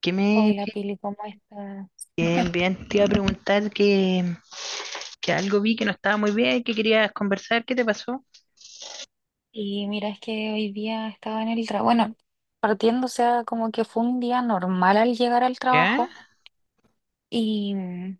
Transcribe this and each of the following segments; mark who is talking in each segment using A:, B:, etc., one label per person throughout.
A: Que me,
B: Hola
A: que,
B: Pili, ¿cómo estás?
A: bien, bien, te iba a preguntar que algo vi que no estaba muy bien, que querías conversar, ¿qué te pasó?
B: Y mira, es que hoy día estaba en el trabajo, bueno, partiendo, o sea, como que fue un día normal al llegar al
A: ¿Ya?
B: trabajo y mm,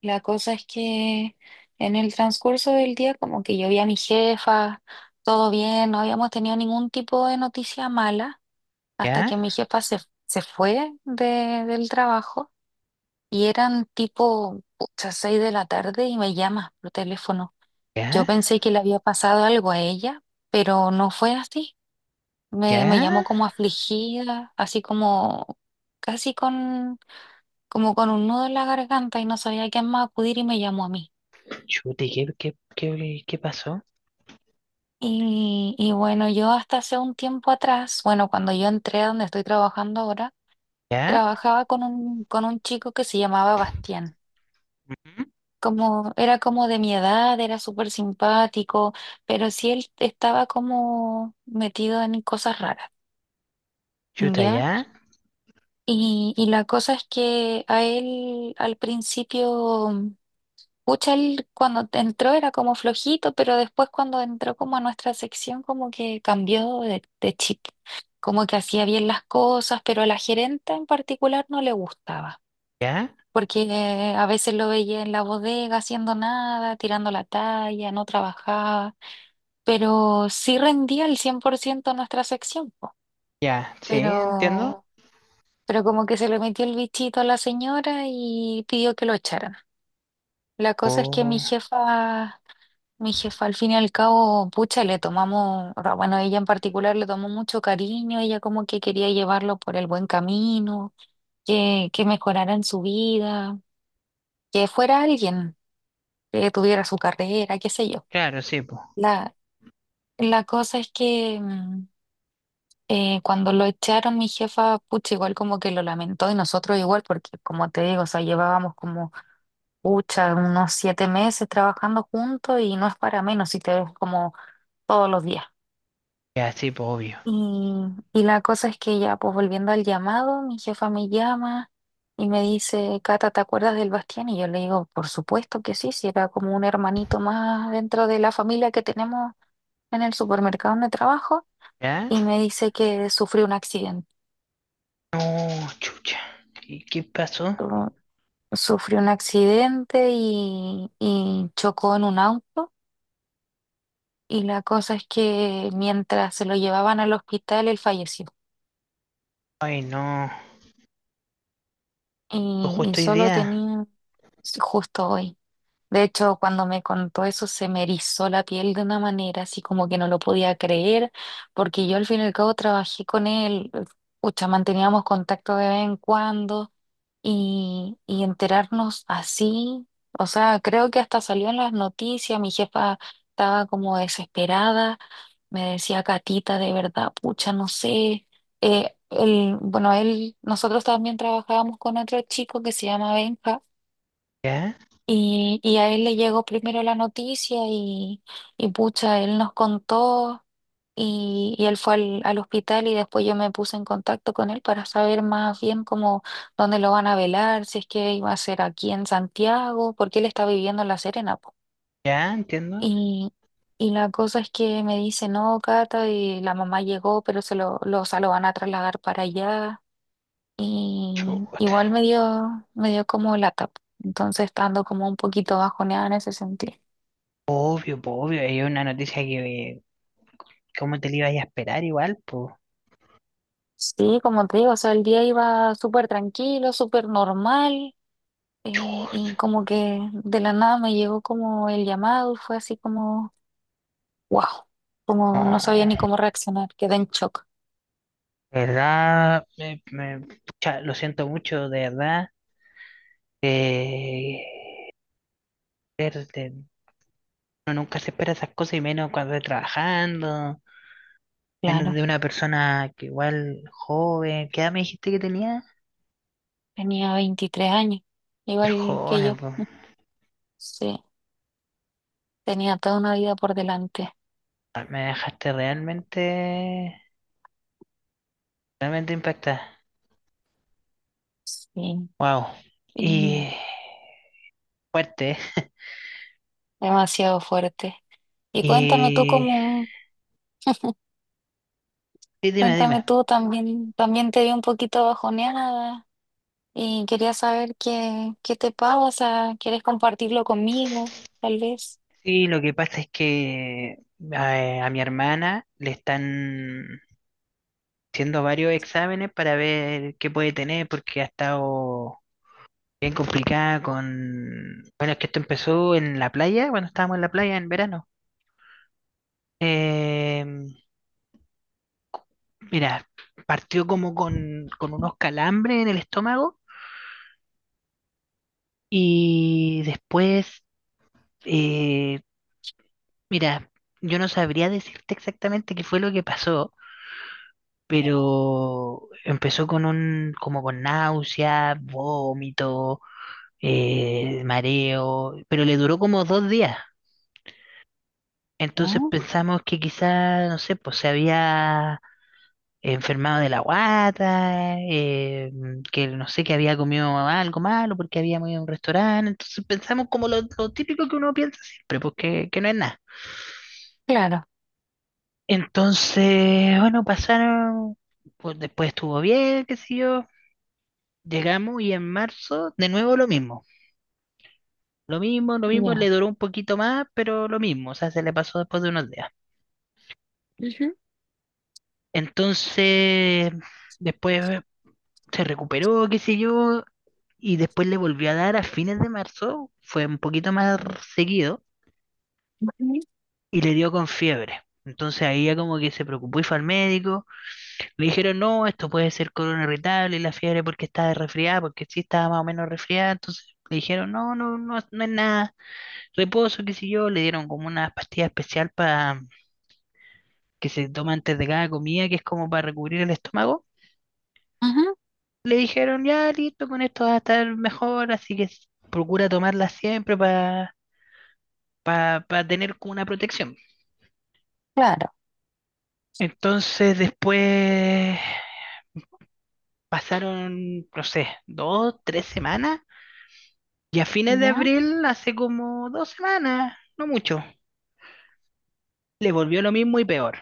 B: la cosa es que en el transcurso del día como que yo vi a mi jefa, todo bien, no habíamos tenido ningún tipo de noticia mala hasta
A: ¿Ya?
B: que mi jefa se, se fue del trabajo y eran tipo, pucha, seis de la tarde y me llama por teléfono. Yo
A: ¿Ya?
B: pensé que le había pasado algo a ella, pero no fue así. Me llamó
A: ¿Ya?
B: como afligida, así como casi con, como con un nudo en la garganta y no sabía a quién más acudir y me llamó a mí.
A: Chuta, ¿y qué pasó?
B: Y bueno, yo hasta hace un tiempo atrás, bueno, cuando yo entré a donde estoy trabajando ahora,
A: ¿Ya?
B: trabajaba con un chico que se llamaba Bastián.
A: Ujú.
B: Como, era como de mi edad, era súper simpático, pero sí él estaba como metido en cosas raras,
A: Chuta,
B: ¿ya?
A: ¿ya?
B: Y la cosa es que a él al principio, pucha, él cuando entró era como flojito, pero después cuando entró como a nuestra sección como que cambió de chip, como que hacía bien las cosas, pero a la gerenta en particular no le gustaba,
A: ¿Ya?
B: porque a veces lo veía en la bodega haciendo nada, tirando la talla, no trabajaba, pero sí rendía el 100% nuestra sección, po.
A: ¿Ya? Sí, entiendo.
B: Pero Pero como que se le metió el bichito a la señora y pidió que lo echaran. La cosa es que mi
A: Oh,
B: jefa, mi jefa al fin y al cabo, pucha, le tomamos, o sea, bueno, ella en particular le tomó mucho cariño, ella como que quería llevarlo por el buen camino, que mejorara en su vida, que fuera alguien, que tuviera su carrera, qué sé yo.
A: claro, sí, pues.
B: La, la cosa es que cuando lo echaron, mi jefa, pucha, igual como que lo lamentó y nosotros igual, porque como te digo, o sea, llevábamos como pucha, unos 7 meses trabajando juntos y no es para menos si te ves como todos los días.
A: Ya, sí, pues, obvio.
B: Y, y la cosa es que ya, pues volviendo al llamado, mi jefa me llama y me dice, Cata, ¿te acuerdas del Bastián? Y yo le digo, por supuesto que sí, si era como un hermanito más dentro de la familia que tenemos en el supermercado donde trabajo.
A: ¿Ya?
B: Y me dice que sufrió un accidente.
A: No, chucha. ¿Y qué pasó?
B: Sufrió un accidente y chocó en un auto. Y la cosa es que mientras se lo llevaban al hospital, él falleció.
A: Ay, no. Pues
B: Y
A: justo hoy
B: solo
A: día.
B: tenía, sí, justo hoy. De hecho, cuando me contó eso se me erizó la piel de una manera así como que no lo podía creer, porque yo al fin y al cabo trabajé con él, pucha, manteníamos contacto de vez en cuando y enterarnos así, o sea, creo que hasta salió en las noticias, mi jefa estaba como desesperada, me decía, Catita, de verdad, pucha, no sé. Bueno, él, nosotros también trabajábamos con otro chico que se llama Benja
A: ¿Ya?
B: y a él le llegó primero la noticia y pucha, él nos contó y él fue al hospital y después yo me puse en contacto con él para saber más bien cómo, dónde lo van a velar, si es que iba a ser aquí en Santiago, porque él está viviendo en La Serena, po.
A: ¿Ya? Entiendo.
B: Y, y la cosa es que me dice, no, Cata, y la mamá llegó, pero o sea, lo van a trasladar para allá. Y
A: Chuta.
B: igual me dio como lata. Entonces estando como un poquito bajoneada en ese sentido.
A: Obvio, po, obvio, es una noticia que, ¿cómo te la ibas a esperar igual, pues?
B: Sí, como te digo, o sea, el día iba súper tranquilo, súper normal. Eh, y como que de la nada me llegó como el llamado y fue así como, wow, como no sabía ni
A: No,
B: cómo reaccionar, quedé en shock.
A: ¿verdad? Pucha, lo siento mucho, de verdad. Eh, er, de- Uno nunca se espera esas cosas y menos cuando está trabajando, menos
B: Claro,
A: de una persona que igual joven. ¿Qué edad me dijiste que tenía?
B: tenía 23 años,
A: Ser
B: igual que
A: joven,
B: yo.
A: po.
B: Sí, tenía toda una vida por delante.
A: Ah, me dejaste realmente, realmente impactada.
B: Sí,
A: Wow.
B: y
A: Y fuerte, ¿eh?
B: demasiado fuerte. Y cuéntame tú
A: Y
B: cómo,
A: sí, dime,
B: Cuéntame
A: dime.
B: tú, también, también te vi un poquito bajoneada y quería saber qué te pasa, ¿quieres compartirlo conmigo, tal vez?
A: Sí, lo que pasa es que a mi hermana le están haciendo varios exámenes para ver qué puede tener, porque ha estado bien complicada con... Bueno, es que esto empezó en la playa, cuando estábamos en la playa en verano. Eh, Mira, partió como con unos calambres en el estómago y después, eh, mira, yo no sabría decirte exactamente qué fue lo que pasó, pero empezó con un, como con náusea, vómito, mareo, pero le duró como dos días. Entonces
B: Ya,
A: pensamos que quizá, no sé, pues se había enfermado de la guata, que no sé, que había comido algo malo porque habíamos ido a un restaurante. Entonces pensamos como lo típico que uno piensa siempre, pues que no es nada.
B: claro,
A: Entonces, bueno, pasaron, pues después estuvo bien, qué sé yo. Llegamos y en marzo, de nuevo lo mismo. Lo mismo, lo mismo, le
B: ya.
A: duró un poquito más, pero lo mismo, o sea, se le pasó después de unos días.
B: Ujú.
A: Entonces, después se recuperó, qué sé yo, y después le volvió a dar a fines de marzo, fue un poquito más seguido,
B: Ujú,
A: y le dio con fiebre. Entonces ahí ya como que se preocupó y fue al médico. Le dijeron, no, esto puede ser corona irritable y la fiebre porque está resfriada, porque sí estaba más o menos resfriada. Entonces le dijeron, no, no, no, no es nada. Reposo, qué sé yo, le dieron como una pastilla especial para que se toma antes de cada comida, que es como para recubrir el estómago.
B: ujú,
A: Le dijeron, ya listo, con esto vas a estar mejor, así que procura tomarla siempre para tener como una protección.
B: claro,
A: Entonces después pasaron, no sé, dos, tres semanas, y a fines de
B: ya.
A: abril, hace como dos semanas, no mucho, le volvió lo mismo y peor.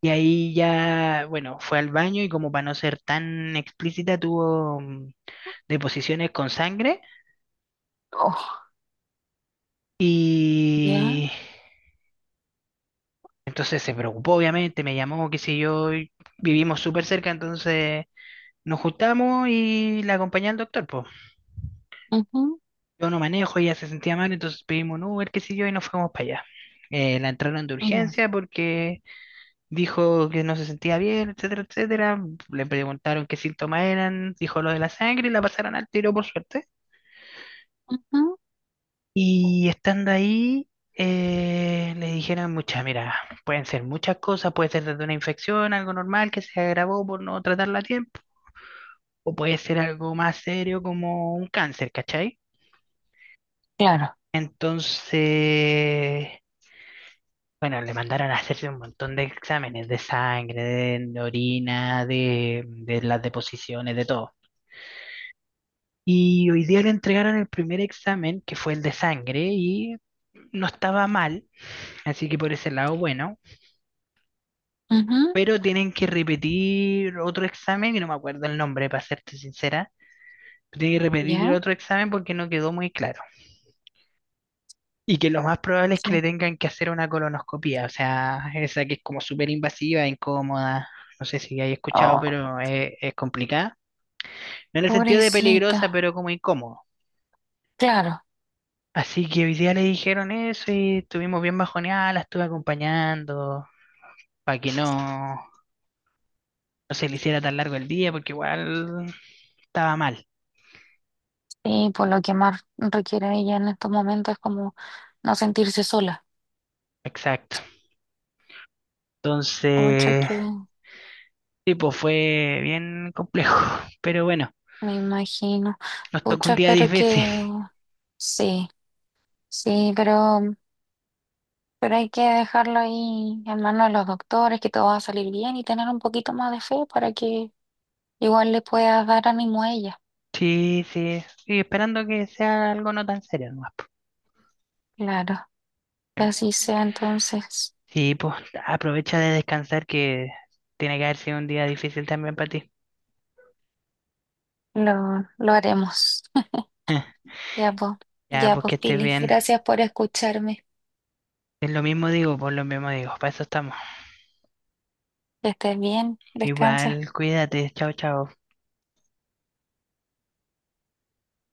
A: Y ahí ya, bueno, fue al baño y como para no ser tan explícita, tuvo deposiciones con sangre
B: Oh, ya,
A: y entonces se preocupó, obviamente, me llamó, qué sé yo, y vivimos súper cerca, entonces nos juntamos y la acompañé al doctor, pues.
B: ujú,
A: Yo no manejo, ella se sentía mal, entonces pedimos un Uber, qué sé yo, y nos fuimos para allá. La entraron de
B: ya,
A: urgencia porque dijo que no se sentía bien, etcétera, etcétera. Le preguntaron qué síntomas eran, dijo lo de la sangre y la pasaron al tiro por suerte.
B: ujú,
A: Y estando ahí, le dijeron, muchas, mira, pueden ser muchas cosas, puede ser desde una infección, algo normal que se agravó por no tratarla a tiempo, o puede ser algo más serio como un cáncer, ¿cachai?
B: claro,
A: Entonces, bueno, le mandaron a hacerse un montón de exámenes de sangre, de orina, de las deposiciones, de todo. Y hoy día le entregaron el primer examen, que fue el de sangre, y no estaba mal, así que por ese lado, bueno.
B: ujú,
A: Pero tienen que repetir otro examen, y no me acuerdo el nombre, para serte sincera, tienen que repetir
B: ya,
A: otro examen porque no quedó muy claro. Y que lo más probable es que
B: sí.
A: le tengan que hacer una colonoscopía, o sea, esa que es como súper invasiva, incómoda, no sé si hay escuchado,
B: Oh,
A: pero es complicada. No en el sentido de peligrosa,
B: pobrecita,
A: pero como incómodo.
B: claro.
A: Así que hoy día le dijeron eso y estuvimos bien bajoneadas, la estuve acompañando para que no, no se le hiciera tan largo el día, porque igual estaba mal.
B: Y por lo que más requiere ella en estos momentos es como no sentirse sola.
A: Exacto.
B: Ocho
A: Entonces, tipo fue bien complejo, pero bueno,
B: me imagino.
A: nos tocó un
B: Pucha,
A: día
B: espero
A: difícil.
B: que sí, sí, pero hay que dejarlo ahí en manos de los doctores, que todo va a salir bien y tener un poquito más de fe para que igual le puedas dar ánimo a ella.
A: Sí, sí, y esperando que sea algo no tan serio nomás, po.
B: Claro, que así sea, entonces
A: Sí, pues aprovecha de descansar que tiene que haber sido un día difícil también para ti.
B: lo haremos. Ya pues,
A: Ya,
B: ya
A: pues que
B: pues,
A: estés
B: Pili,
A: bien.
B: gracias por escucharme.
A: Es lo mismo digo, por lo mismo digo, para eso estamos.
B: Que estés bien, descansa.
A: Igual, cuídate, chao, chao.